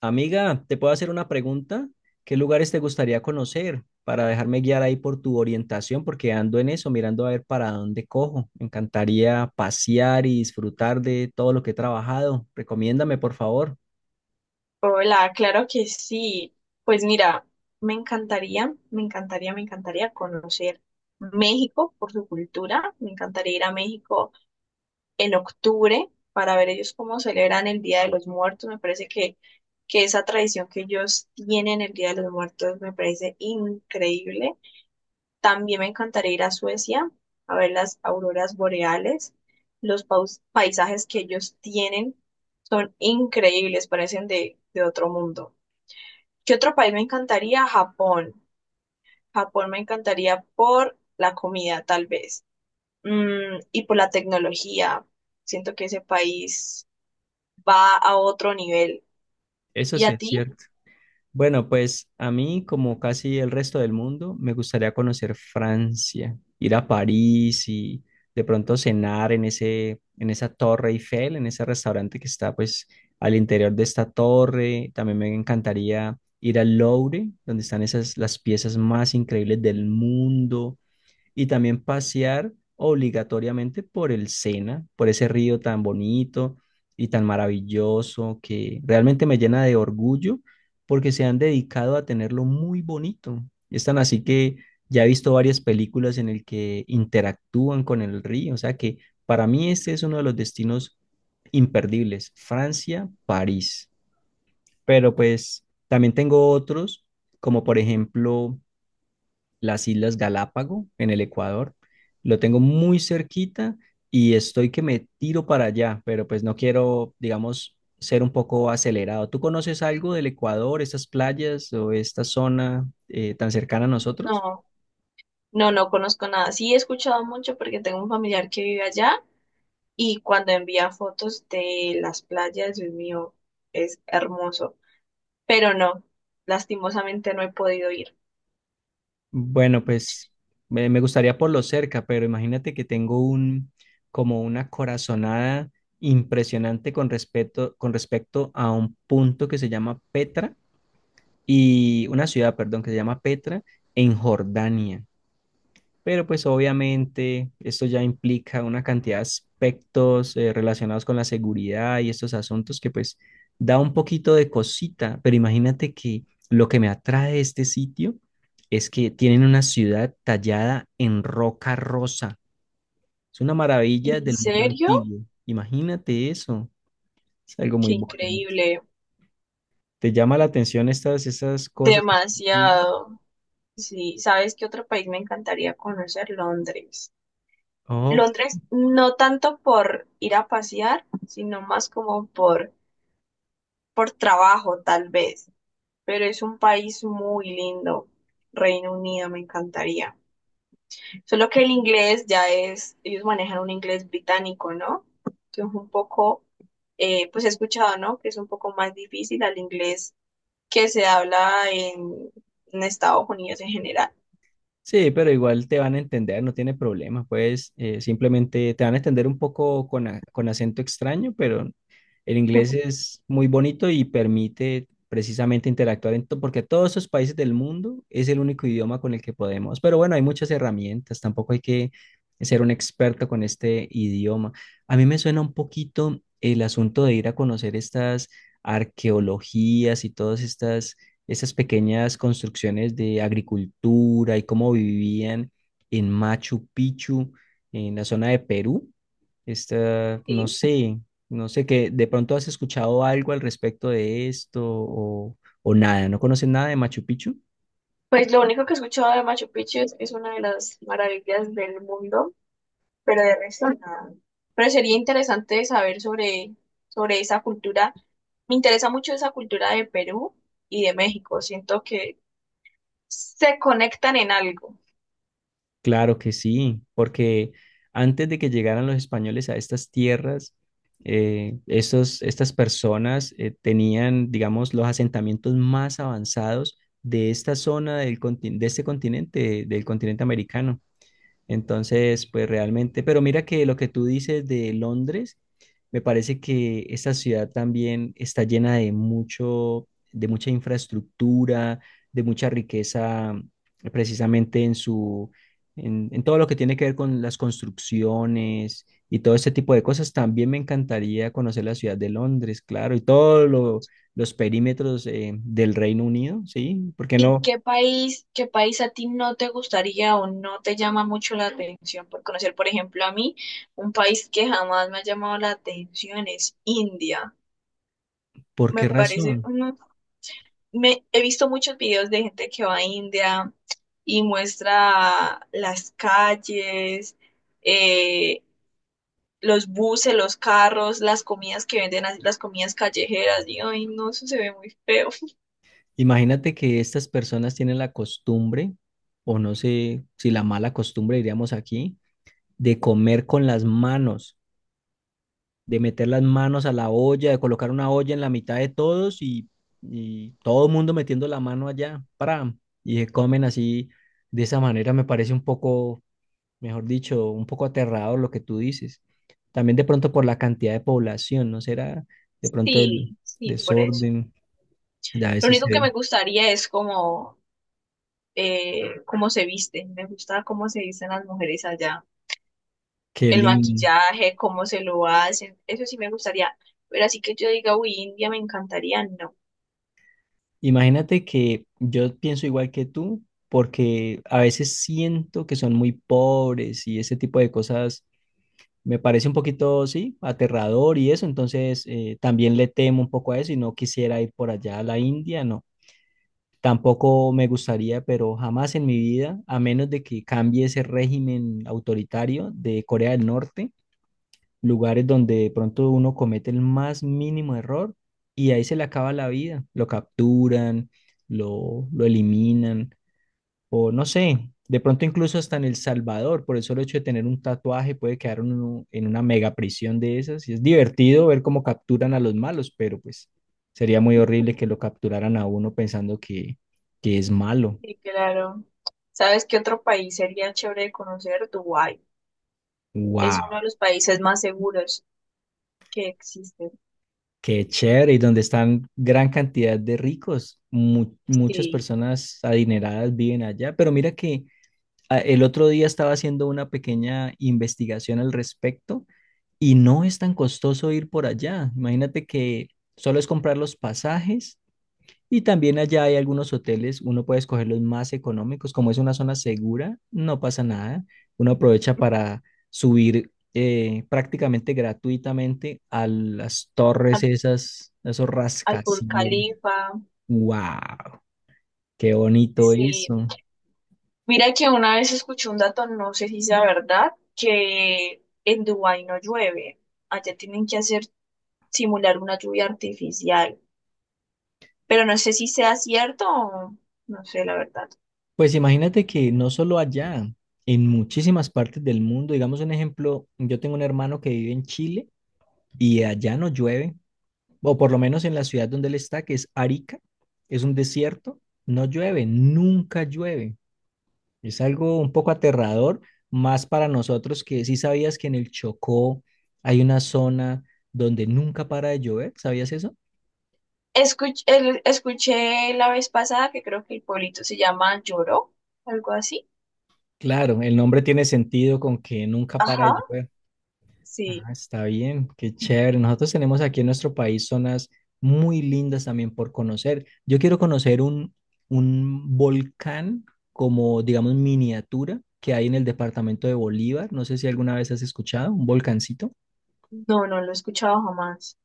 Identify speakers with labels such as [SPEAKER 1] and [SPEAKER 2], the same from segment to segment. [SPEAKER 1] Amiga, ¿te puedo hacer una pregunta? ¿Qué lugares te gustaría conocer para dejarme guiar ahí por tu orientación? Porque ando en eso, mirando a ver para dónde cojo. Me encantaría pasear y disfrutar de todo lo que he trabajado. Recomiéndame, por favor.
[SPEAKER 2] Hola, claro que sí. Pues mira, me encantaría conocer México por su cultura. Me encantaría ir a México en octubre para ver ellos cómo celebran el Día de los Muertos. Me parece que esa tradición que ellos tienen el Día de los Muertos me parece increíble. También me encantaría ir a Suecia a ver las auroras boreales. Los paisajes que ellos tienen son increíbles, parecen de otro mundo. ¿Qué otro país me encantaría? Japón. Japón me encantaría por la comida, tal vez, y por la tecnología. Siento que ese país va a otro nivel.
[SPEAKER 1] Eso
[SPEAKER 2] ¿Y
[SPEAKER 1] sí
[SPEAKER 2] a
[SPEAKER 1] es
[SPEAKER 2] ti?
[SPEAKER 1] cierto. Bueno, pues a mí, como casi el resto del mundo, me gustaría conocer Francia, ir a París y de pronto cenar en esa Torre Eiffel, en ese restaurante que está pues al interior de esta torre. También me encantaría ir al Louvre, donde están esas las piezas más increíbles del mundo y también pasear obligatoriamente por el Sena, por ese río tan bonito y tan maravilloso que realmente me llena de orgullo porque se han dedicado a tenerlo muy bonito. Es tan así que ya he visto varias películas en el que interactúan con el río, o sea que para mí este es uno de los destinos imperdibles, Francia, París. Pero pues también tengo otros, como por ejemplo las Islas Galápago en el Ecuador. Lo tengo muy cerquita y estoy que me tiro para allá, pero pues no quiero, digamos, ser un poco acelerado. ¿Tú conoces algo del Ecuador, estas playas o esta zona tan cercana a nosotros?
[SPEAKER 2] No, no, no conozco nada. Sí he escuchado mucho porque tengo un familiar que vive allá y cuando envía fotos de las playas, Dios mío, es hermoso. Pero no, lastimosamente no he podido ir.
[SPEAKER 1] Bueno, pues me gustaría por lo cerca, pero imagínate que tengo un como una corazonada impresionante con respecto a un punto que se llama Petra y una ciudad, perdón, que se llama Petra en Jordania. Pero pues obviamente esto ya implica una cantidad de aspectos relacionados con la seguridad y estos asuntos que pues da un poquito de cosita, pero imagínate que lo que me atrae de este sitio es que tienen una ciudad tallada en roca rosa. Es una maravilla
[SPEAKER 2] ¿En
[SPEAKER 1] del mundo
[SPEAKER 2] serio?
[SPEAKER 1] antiguo. Imagínate eso. Es algo
[SPEAKER 2] Qué
[SPEAKER 1] muy bonito.
[SPEAKER 2] increíble.
[SPEAKER 1] ¿Te llama la atención esas cosas así
[SPEAKER 2] Demasiado. Sí, ¿sabes qué otro país me encantaría conocer? Londres.
[SPEAKER 1] antiguas?
[SPEAKER 2] Londres no tanto por ir a pasear, sino más como por trabajo, tal vez. Pero es un país muy lindo. Reino Unido me encantaría. Solo que el inglés ya es, ellos manejan un inglés británico, ¿no? Que es un poco, pues he escuchado, ¿no? Que es un poco más difícil al inglés que se habla en Estados Unidos en general.
[SPEAKER 1] Sí, pero igual te van a entender, no tiene problema, pues simplemente te van a entender un poco con acento extraño, pero el inglés es muy bonito y permite precisamente interactuar porque todos esos países del mundo es el único idioma con el que podemos. Pero bueno, hay muchas herramientas, tampoco hay que ser un experto con este idioma. A mí me suena un poquito el asunto de ir a conocer estas arqueologías y todas estas esas pequeñas construcciones de agricultura y cómo vivían en Machu Picchu, en la zona de Perú. Esta, no
[SPEAKER 2] Sí.
[SPEAKER 1] sé, no sé que de pronto has escuchado algo al respecto de esto o nada, ¿no conoces nada de Machu Picchu?
[SPEAKER 2] Pues lo único que he escuchado de Machu Picchu es que es una de las maravillas del mundo, pero de resto nada. Pero sería interesante saber sobre esa cultura. Me interesa mucho esa cultura de Perú y de México. Siento que se conectan en algo.
[SPEAKER 1] Claro que sí, porque antes de que llegaran los españoles a estas tierras, estas personas tenían, digamos, los asentamientos más avanzados de esta zona de este continente, del continente americano. Entonces, pues realmente, pero mira que lo que tú dices de Londres, me parece que esta ciudad también está llena de mucho, de mucha infraestructura, de mucha riqueza, precisamente en todo lo que tiene que ver con las construcciones y todo este tipo de cosas. También me encantaría conocer la ciudad de Londres, claro, y todos los perímetros del Reino Unido, ¿sí? ¿Por qué
[SPEAKER 2] ¿Y
[SPEAKER 1] no?
[SPEAKER 2] qué país a ti no te gustaría o no te llama mucho la atención por conocer? Por ejemplo, a mí, un país que jamás me ha llamado la atención es India.
[SPEAKER 1] ¿Por
[SPEAKER 2] Me
[SPEAKER 1] qué
[SPEAKER 2] parece,
[SPEAKER 1] razón?
[SPEAKER 2] he visto muchos videos de gente que va a India y muestra las calles, eh, los buses, los carros, las comidas que venden, así, las comidas callejeras. Y, ay, no, eso se ve muy feo.
[SPEAKER 1] Imagínate que estas personas tienen la costumbre, o no sé si la mala costumbre diríamos aquí, de comer con las manos, de meter las manos a la olla, de colocar una olla en la mitad de todos y todo el mundo metiendo la mano allá, y se comen así, de esa manera me parece un poco, mejor dicho, un poco aterrador lo que tú dices. También de pronto por la cantidad de población, ¿no será? De pronto
[SPEAKER 2] Sí,
[SPEAKER 1] el
[SPEAKER 2] sí, por eso.
[SPEAKER 1] desorden, ya a
[SPEAKER 2] Lo
[SPEAKER 1] veces
[SPEAKER 2] único que me
[SPEAKER 1] se...
[SPEAKER 2] gustaría es como, cómo se visten. Me gusta cómo se visten las mujeres allá.
[SPEAKER 1] Qué
[SPEAKER 2] El
[SPEAKER 1] lindo.
[SPEAKER 2] maquillaje, cómo se lo hacen. Eso sí me gustaría. Pero así que yo diga, uy, India me encantaría, no.
[SPEAKER 1] Imagínate que yo pienso igual que tú, porque a veces siento que son muy pobres y ese tipo de cosas me parece un poquito, sí, aterrador y eso, entonces también le temo un poco a eso y no quisiera ir por allá a la India, no. Tampoco me gustaría, pero jamás en mi vida, a menos de que cambie ese régimen autoritario de Corea del Norte lugares donde de pronto uno comete el más mínimo error y ahí se le acaba la vida. Lo capturan, lo eliminan, o no sé, de pronto incluso hasta en El Salvador, por el solo hecho de tener un tatuaje, puede quedar uno en una mega prisión de esas. Y es divertido ver cómo capturan a los malos, pero pues sería muy horrible que lo capturaran a uno pensando que es malo.
[SPEAKER 2] Sí, claro. ¿Sabes qué otro país sería chévere de conocer? Dubái. Es uno de
[SPEAKER 1] ¡Wow!
[SPEAKER 2] los países más seguros que existen.
[SPEAKER 1] Qué chévere, y donde están gran cantidad de ricos. Muchas
[SPEAKER 2] Sí.
[SPEAKER 1] personas adineradas viven allá, pero mira que ah, el otro día estaba haciendo una pequeña investigación al respecto y no es tan costoso ir por allá. Imagínate que solo es comprar los pasajes y también allá hay algunos hoteles, uno puede escoger los más económicos, como es una zona segura, no pasa nada, uno aprovecha para subir prácticamente gratuitamente a las torres
[SPEAKER 2] Al,
[SPEAKER 1] esas, a esos
[SPEAKER 2] al Burj
[SPEAKER 1] rascacielos.
[SPEAKER 2] Khalifa.
[SPEAKER 1] ¡Wow! ¡Qué bonito
[SPEAKER 2] Sí.
[SPEAKER 1] eso!
[SPEAKER 2] Mira que una vez escuché un dato, no sé si sea verdad, que en Dubái no llueve. Allá tienen que hacer simular una lluvia artificial. Pero no sé si sea cierto o no sé la verdad.
[SPEAKER 1] Pues imagínate que no solo allá, en muchísimas partes del mundo, digamos un ejemplo, yo tengo un hermano que vive en Chile y allá no llueve, o por lo menos en la ciudad donde él está, que es Arica, es un desierto, no llueve, nunca llueve. Es algo un poco aterrador, más para nosotros que sí sabías que en el Chocó hay una zona donde nunca para de llover, ¿sabías eso?
[SPEAKER 2] Escuché la vez pasada que creo que el pueblito se llama Lloró, algo así.
[SPEAKER 1] Claro, el nombre tiene sentido con que nunca para de
[SPEAKER 2] Ajá.
[SPEAKER 1] llover.
[SPEAKER 2] Sí,
[SPEAKER 1] Ah, está bien, qué chévere. Nosotros tenemos aquí en nuestro país zonas muy lindas también por conocer. Yo quiero conocer un volcán como, digamos, miniatura que hay en el departamento de Bolívar. No sé si alguna vez has escuchado, un volcancito.
[SPEAKER 2] no, no lo he escuchado jamás.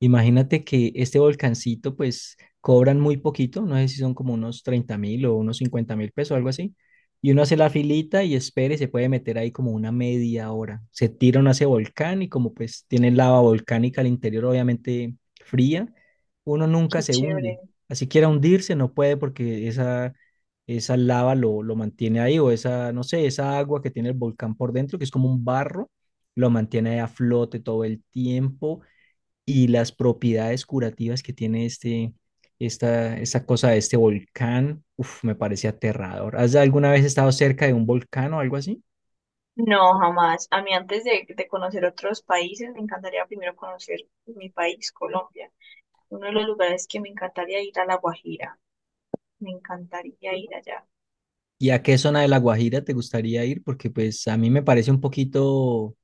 [SPEAKER 1] Imagínate que este volcancito, pues cobran muy poquito, no sé si son como unos 30.000 o unos 50.000 pesos, algo así. Y uno hace la filita y espera y se puede meter ahí como una media hora. Se tira uno a ese volcán y como pues tiene lava volcánica al interior, obviamente fría, uno nunca
[SPEAKER 2] Qué
[SPEAKER 1] se
[SPEAKER 2] chévere.
[SPEAKER 1] hunde. Así quiera hundirse, no puede porque esa lava lo mantiene ahí o esa, no sé, esa agua que tiene el volcán por dentro, que es como un barro, lo mantiene ahí a flote todo el tiempo y las propiedades curativas que tiene este, esta cosa de este volcán, uf, me parece aterrador. ¿Has alguna vez estado cerca de un volcán o algo así?
[SPEAKER 2] No, jamás. A mí antes de conocer otros países, me encantaría primero conocer mi país, Colombia. Uno de los lugares que me encantaría ir a La Guajira. Me encantaría ir allá.
[SPEAKER 1] ¿Y a qué zona de La Guajira te gustaría ir? Porque pues a mí me parece un poquito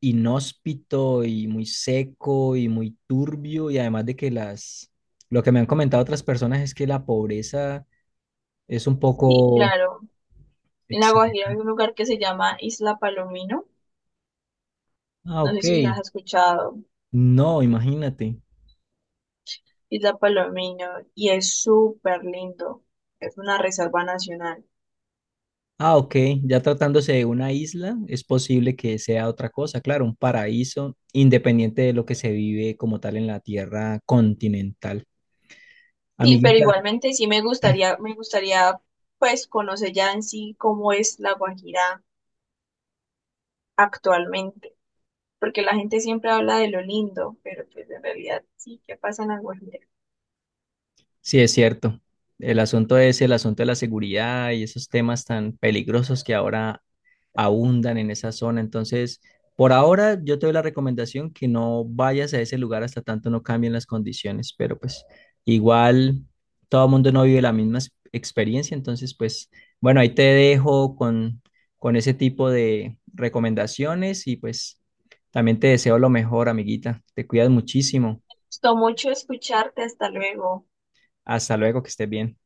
[SPEAKER 1] inhóspito y muy seco y muy turbio y además de que lo que me han comentado otras personas es que la pobreza es un
[SPEAKER 2] Sí,
[SPEAKER 1] poco
[SPEAKER 2] claro. En La Guajira
[SPEAKER 1] extrema.
[SPEAKER 2] hay un lugar que se llama Isla Palomino.
[SPEAKER 1] Ah,
[SPEAKER 2] No sé
[SPEAKER 1] ok.
[SPEAKER 2] si las has escuchado.
[SPEAKER 1] No, imagínate.
[SPEAKER 2] Isla Palomino. Y es súper lindo. Es una reserva nacional.
[SPEAKER 1] Ah, ok, ya tratándose de una isla, es posible que sea otra cosa, claro, un paraíso independiente de lo que se vive como tal en la tierra continental.
[SPEAKER 2] Sí, pero
[SPEAKER 1] Amiguita,
[SPEAKER 2] igualmente sí me gustaría pues conocer ya en sí cómo es la Guajira actualmente, porque la gente siempre habla de lo lindo, pero pues en realidad sí, ¿qué pasa en la Guajira?
[SPEAKER 1] sí es cierto. El asunto es el asunto de la seguridad y esos temas tan peligrosos que ahora abundan en esa zona. Entonces, por ahora yo te doy la recomendación que no vayas a ese lugar hasta tanto no cambien las condiciones, pero pues igual todo el mundo no vive la misma experiencia, entonces pues bueno, ahí te dejo con ese tipo de recomendaciones y pues también te deseo lo mejor, amiguita. Te cuidas muchísimo.
[SPEAKER 2] Gustó mucho escucharte, hasta luego.
[SPEAKER 1] Hasta luego, que estés bien.